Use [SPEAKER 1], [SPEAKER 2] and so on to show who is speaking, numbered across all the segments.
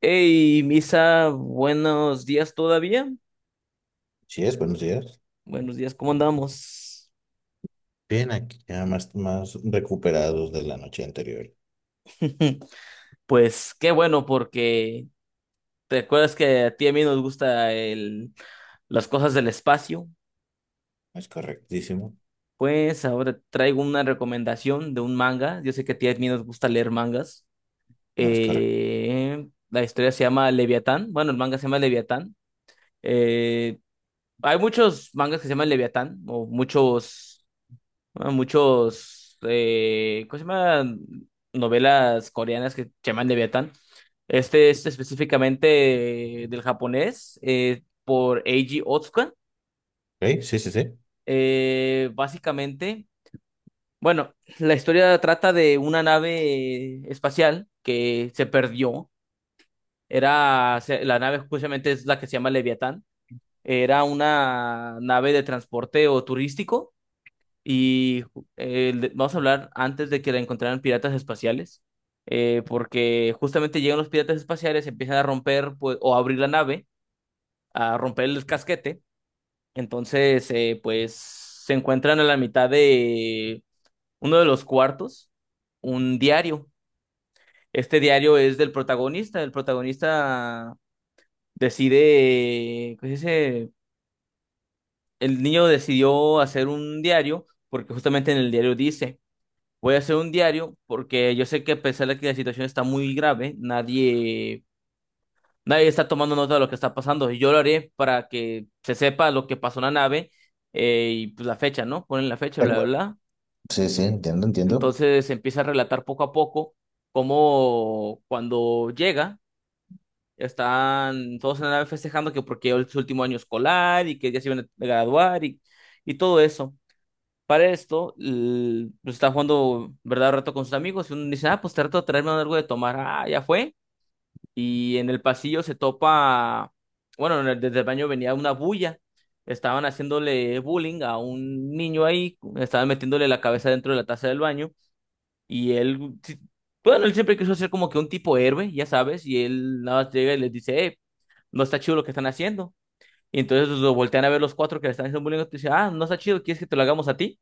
[SPEAKER 1] Hey, Misa, buenos días todavía.
[SPEAKER 2] Sí es, buenos días.
[SPEAKER 1] Buenos días, ¿cómo andamos?
[SPEAKER 2] Bien, aquí ya más recuperados de la noche anterior.
[SPEAKER 1] Pues qué bueno, porque te acuerdas que a ti y a mí nos gusta las cosas del espacio.
[SPEAKER 2] Es correctísimo.
[SPEAKER 1] Pues ahora traigo una recomendación de un manga. Yo sé que a ti y a mí nos gusta leer mangas.
[SPEAKER 2] No es correcto.
[SPEAKER 1] La historia se llama Leviatán. Bueno, el manga se llama Leviatán. Eh, Hay muchos mangas que se llaman Leviatán, o muchos. Ah, muchos, ¿cómo se llama? Novelas coreanas que se llaman Leviatán. Este es específicamente del japonés por Eiji Otsuka.
[SPEAKER 2] Ok, sí, sí, sí.
[SPEAKER 1] Básicamente, bueno, la historia trata de una nave espacial que se perdió. La nave justamente es la que se llama Leviatán. Era una nave de transporte o turístico. Y vamos a hablar antes de que la encontraran piratas espaciales, porque justamente llegan los piratas espaciales, empiezan a romper pues, o a abrir la nave, a romper el casquete. Entonces, pues se encuentran a la mitad de uno de los cuartos, un diario. Este diario es del protagonista. El protagonista decide, ¿qué se dice? El niño decidió hacer un diario porque justamente en el diario dice: voy a hacer un diario porque yo sé que, a pesar de que la situación está muy grave, nadie, nadie está tomando nota de lo que está pasando. Y yo lo haré para que se sepa lo que pasó en la nave, y pues la fecha, ¿no? Ponen la fecha,
[SPEAKER 2] De
[SPEAKER 1] bla,
[SPEAKER 2] acuerdo.
[SPEAKER 1] bla, bla.
[SPEAKER 2] Sí, sí, entiendo.
[SPEAKER 1] Entonces se empieza a relatar poco a poco cómo, cuando llega, están todos en la nave festejando, que porque es su último año escolar y que ya se iban a graduar y todo eso. Para esto, pues están jugando verdad o reto con sus amigos y uno dice, ah, pues trato de traerme algo de tomar. Ah, ya fue. Y en el pasillo se topa, bueno, desde el baño venía una bulla. Estaban haciéndole bullying a un niño ahí, estaban metiéndole la cabeza dentro de la taza del baño y él, sí, bueno, él siempre quiso ser como que un tipo héroe, ya sabes, y él nada más llega y les dice, no está chido lo que están haciendo. Y entonces pues lo voltean a ver los cuatro que le están haciendo bullying y dice, ah, no está chido, ¿quieres que te lo hagamos a ti?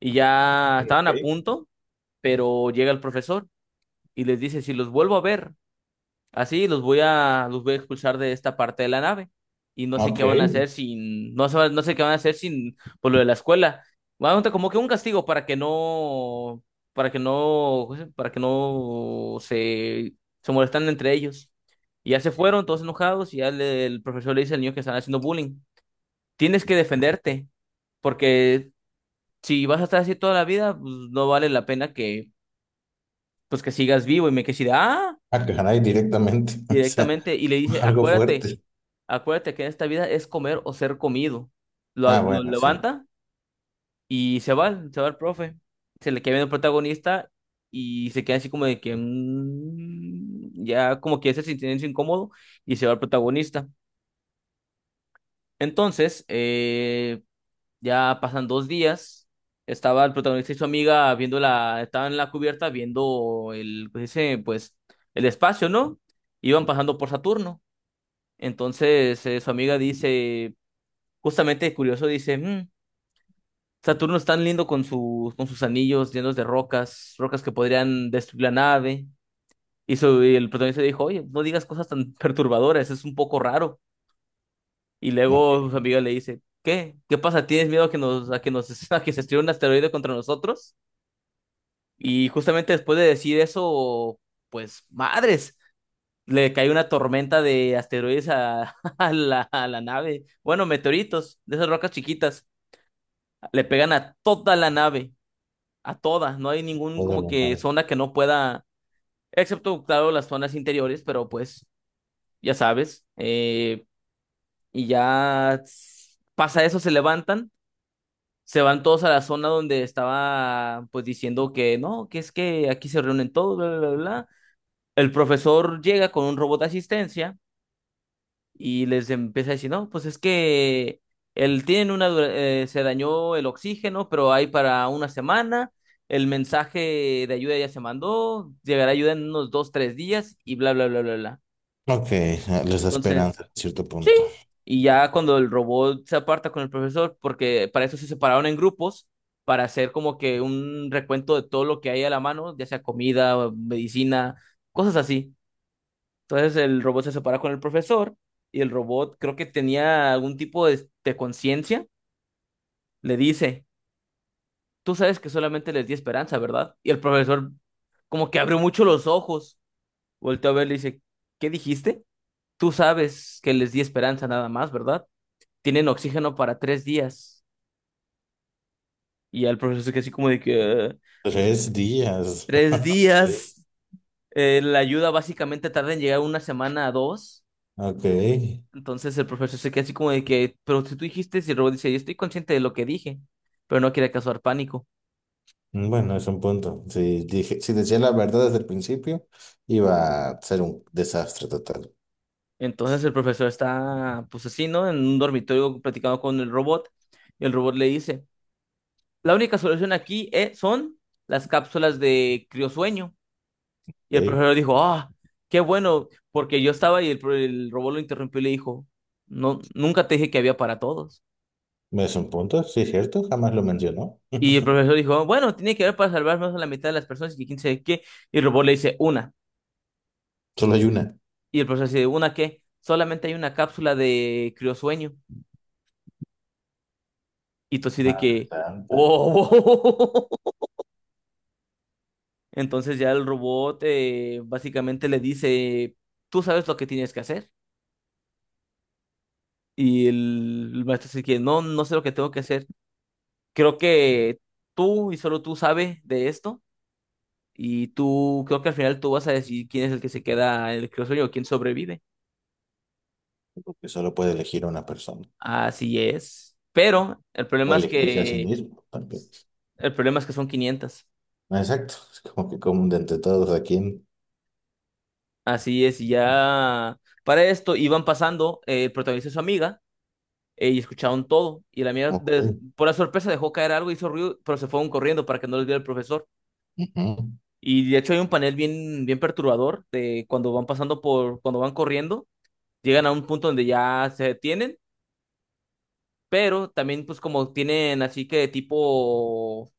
[SPEAKER 1] Y ya
[SPEAKER 2] Sí,
[SPEAKER 1] estaban a
[SPEAKER 2] ok.
[SPEAKER 1] punto, pero llega el profesor y les dice, si los vuelvo a ver, así los voy a expulsar de esta parte de la nave. Y no sé
[SPEAKER 2] Ok.
[SPEAKER 1] qué van a hacer sin, no sé, no sé qué van a hacer sin, por lo de la escuela. Van a montar como que un castigo para que no, para que no se molestan entre ellos. Y ya se fueron todos enojados y ya el profesor le dice al niño que están haciendo bullying: tienes que defenderte porque si vas a estar así toda la vida, pues no vale la pena que, pues que sigas vivo, y me quedé así de, ah,
[SPEAKER 2] Ah, caray, directamente. O sea,
[SPEAKER 1] directamente, y le dice,
[SPEAKER 2] algo
[SPEAKER 1] acuérdate,
[SPEAKER 2] fuerte.
[SPEAKER 1] acuérdate que en esta vida es comer o ser comido. Lo,
[SPEAKER 2] Ah,
[SPEAKER 1] lo
[SPEAKER 2] bueno, sí.
[SPEAKER 1] levanta y se va el profe. Se le queda viendo el protagonista y se queda así como de que, ya como que ese silencio incómodo, y se va el protagonista. Entonces, ya pasan 2 días. Estaba el protagonista y su amiga estaban en la cubierta viendo el, pues, ese, pues, el espacio, ¿no? Iban pasando por Saturno. Entonces, su amiga dice, justamente curioso, dice, Saturno es tan lindo con sus anillos llenos de rocas, rocas que podrían destruir la nave". Y el protagonista dijo, oye, no digas cosas tan perturbadoras, es un poco raro. Y luego su
[SPEAKER 2] Ok.
[SPEAKER 1] amiga le dice, ¿qué? ¿Qué pasa? ¿Tienes miedo a que se estrelle un asteroide contra nosotros? Y justamente después de decir eso, pues madres, le cae una tormenta de asteroides a la nave. Bueno, meteoritos, de esas rocas chiquitas, le pegan a toda la nave, a todas. No hay ningún
[SPEAKER 2] Toda
[SPEAKER 1] como
[SPEAKER 2] la
[SPEAKER 1] que
[SPEAKER 2] madre.
[SPEAKER 1] zona que no pueda, excepto, claro, las zonas interiores, pero pues ya sabes. Y ya pasa eso, se levantan. Se van todos a la zona donde estaba, pues diciendo que no, que es que aquí se reúnen todos, bla, bla, bla, bla. El profesor llega con un robot de asistencia y les empieza a decir, no, pues es que él tiene se dañó el oxígeno, pero hay para una semana, el mensaje de ayuda ya se mandó, llegará ayuda en unos dos, tres días y bla, bla, bla, bla, bla.
[SPEAKER 2] Ok, ah, les da
[SPEAKER 1] Entonces,
[SPEAKER 2] esperanza a cierto
[SPEAKER 1] sí,
[SPEAKER 2] punto.
[SPEAKER 1] y ya cuando el robot se aparta con el profesor, porque para eso se separaron en grupos, para hacer como que un recuento de todo lo que hay a la mano, ya sea comida, medicina, cosas así. Entonces el robot se separa con el profesor, y el robot creo que tenía algún tipo de conciencia. Le dice, tú sabes que solamente les di esperanza, ¿verdad? Y el profesor como que abrió mucho los ojos, volteó a ver y le dice, ¿qué dijiste? Tú sabes que les di esperanza nada más, ¿verdad? Tienen oxígeno para 3 días. Y al profesor se quedó así como de que,
[SPEAKER 2] Tres días.
[SPEAKER 1] tres días, La ayuda básicamente tarda en llegar una semana a dos.
[SPEAKER 2] Ok. Ok.
[SPEAKER 1] Entonces el profesor se queda así como de que, pero si tú dijiste, y el robot dice, yo estoy consciente de lo que dije, pero no quiere causar pánico.
[SPEAKER 2] Mm, bueno, es un punto. Si dije, si decía la verdad desde el principio, iba a ser un desastre total.
[SPEAKER 1] Entonces el profesor está, pues así, ¿no?, en un dormitorio platicando con el robot, y el robot le dice, la única solución aquí son las cápsulas de criosueño. Y el
[SPEAKER 2] ¿Ok?
[SPEAKER 1] profesor dijo, ah, qué bueno, porque yo estaba, y el robot lo interrumpió y le dijo, no, nunca te dije que había para todos.
[SPEAKER 2] Es un punto, sí, es cierto, jamás lo mencionó.
[SPEAKER 1] Y el profesor dijo, bueno, tiene que haber para salvar más a la mitad de las personas y quién sabe qué. Y el robot le dice, una.
[SPEAKER 2] Solo hay una.
[SPEAKER 1] Y el profesor así de ¿una qué? Solamente hay una cápsula de criosueño. Y tú así de
[SPEAKER 2] Madre
[SPEAKER 1] que,
[SPEAKER 2] santa.
[SPEAKER 1] ¡oh! Entonces ya el robot básicamente le dice, tú sabes lo que tienes que hacer. Y el maestro dice que no, no sé lo que tengo que hacer. Creo que tú y solo tú sabes de esto. Y tú, creo que al final tú vas a decir quién es el que se queda en el criosueño o quién sobrevive.
[SPEAKER 2] Porque solo puede elegir a una persona.
[SPEAKER 1] Así es. Pero el
[SPEAKER 2] O
[SPEAKER 1] problema es
[SPEAKER 2] elegirse a sí
[SPEAKER 1] que,
[SPEAKER 2] mismo también.
[SPEAKER 1] son 500.
[SPEAKER 2] Exacto. Es como que como de entre todos a quién.
[SPEAKER 1] Así es, y ya, para esto, iban pasando el protagonista y su amiga y escucharon todo. Y la amiga,
[SPEAKER 2] Ok.
[SPEAKER 1] por la sorpresa, dejó caer algo, hizo ruido, pero se fueron corriendo para que no les viera el profesor.
[SPEAKER 2] Ujú.
[SPEAKER 1] Y de hecho hay un panel bien, bien perturbador de cuando van pasando por, cuando van corriendo, llegan a un punto donde ya se detienen, pero también pues como tienen así que tipo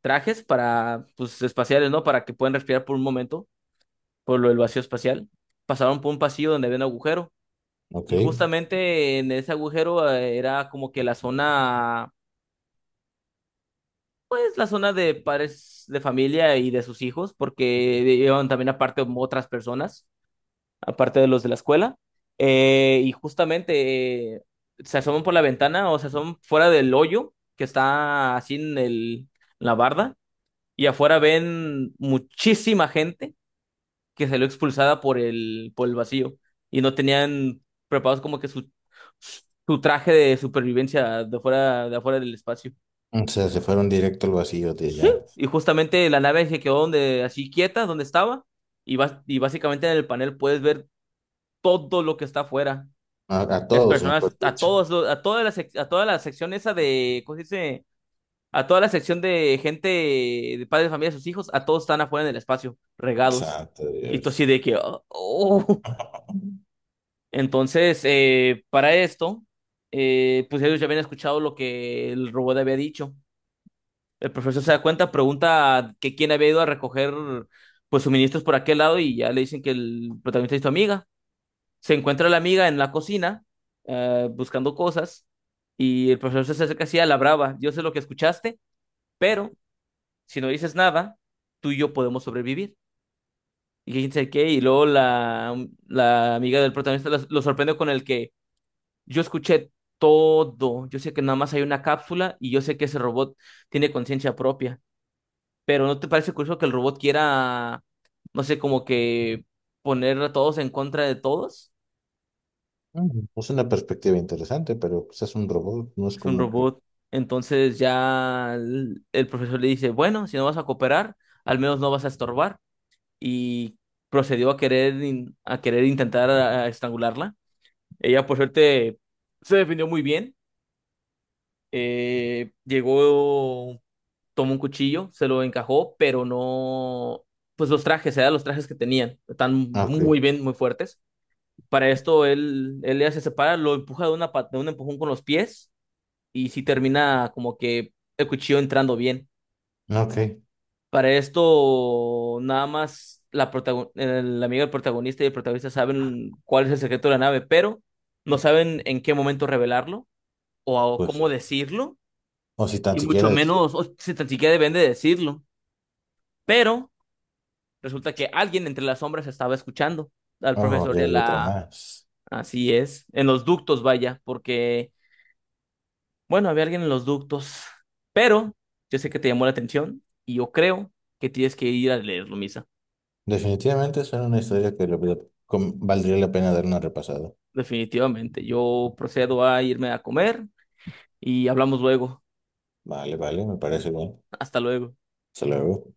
[SPEAKER 1] trajes para, pues, espaciales, ¿no? Para que puedan respirar por un momento, por lo del vacío espacial. Pasaron por un pasillo donde había un agujero.
[SPEAKER 2] Ok.
[SPEAKER 1] Y justamente en ese agujero, era como que la zona, es la zona de padres de familia y de sus hijos, porque iban también aparte otras personas, aparte de los de la escuela. Y justamente se asoman por la ventana, o se asoman fuera del hoyo que está así en en la barda, y afuera ven muchísima gente que salió expulsada por por el vacío, y no tenían preparados como que su traje de supervivencia de fuera, de afuera del espacio.
[SPEAKER 2] O sea, se fueron directo al vacío de
[SPEAKER 1] Sí.
[SPEAKER 2] ya.
[SPEAKER 1] Y justamente la nave se quedó donde, así quieta, donde estaba, y, y básicamente en el panel puedes ver todo lo que está afuera.
[SPEAKER 2] A
[SPEAKER 1] Las
[SPEAKER 2] todos,
[SPEAKER 1] personas,
[SPEAKER 2] mejor
[SPEAKER 1] a
[SPEAKER 2] dicho.
[SPEAKER 1] todos, a toda la sección esa de, ¿cómo se dice? A toda la sección de gente, de padres de familia, sus hijos, a todos están afuera en el espacio, regados.
[SPEAKER 2] Santo
[SPEAKER 1] Y tú así
[SPEAKER 2] Dios.
[SPEAKER 1] de que, "oh, oh". Entonces, para esto, pues ellos ya habían escuchado lo que el robot había dicho. El profesor se da cuenta, pregunta que quién había ido a recoger pues suministros por aquel lado, y ya le dicen que el protagonista es tu amiga. Se encuentra la amiga en la cocina buscando cosas, y el profesor se acerca así a la brava. Yo sé lo que escuchaste, pero si no dices nada, tú y yo podemos sobrevivir. Y quién sabe qué, y luego la amiga del protagonista lo sorprende con el que: yo escuché todo. Yo sé que nada más hay una cápsula y yo sé que ese robot tiene conciencia propia. Pero ¿no te parece curioso que el robot quiera, no sé, como que poner a todos en contra de todos?
[SPEAKER 2] Mm, es una perspectiva interesante, pero pues es un robot, no es
[SPEAKER 1] Es un
[SPEAKER 2] como que...
[SPEAKER 1] robot. Entonces ya el profesor le dice, bueno, si no vas a cooperar, al menos no vas a estorbar. Y procedió a querer intentar a estrangularla. Ella, por suerte, se defendió muy bien. Llegó, tomó un cuchillo, se lo encajó, pero no, pues los trajes, eran los trajes que tenían, están
[SPEAKER 2] Ah, ok,
[SPEAKER 1] muy bien, muy fuertes. Para esto él, él ya se separa, lo empuja de un empujón con los pies, y sí termina como que el cuchillo entrando bien.
[SPEAKER 2] ah, ok,
[SPEAKER 1] Para esto nada más el amigo del protagonista y el protagonista saben cuál es el secreto de la nave, pero no saben en qué momento revelarlo o
[SPEAKER 2] pues
[SPEAKER 1] cómo
[SPEAKER 2] sí.
[SPEAKER 1] decirlo,
[SPEAKER 2] O si tan
[SPEAKER 1] y mucho
[SPEAKER 2] siquiera decir,
[SPEAKER 1] menos, o si tan siquiera deben de decirlo. Pero resulta que alguien entre las sombras estaba escuchando al
[SPEAKER 2] oh,
[SPEAKER 1] profesor y
[SPEAKER 2] ya
[SPEAKER 1] a
[SPEAKER 2] hay otro
[SPEAKER 1] la...
[SPEAKER 2] más.
[SPEAKER 1] Así es, en los ductos, vaya, porque, bueno, había alguien en los ductos, pero yo sé que te llamó la atención y yo creo que tienes que ir a leerlo, Misa.
[SPEAKER 2] Definitivamente es una historia que le valdría la pena dar una repasada.
[SPEAKER 1] Definitivamente, yo procedo a irme a comer y hablamos luego.
[SPEAKER 2] Vale, vale, me parece bien.
[SPEAKER 1] Hasta luego.
[SPEAKER 2] Hasta luego.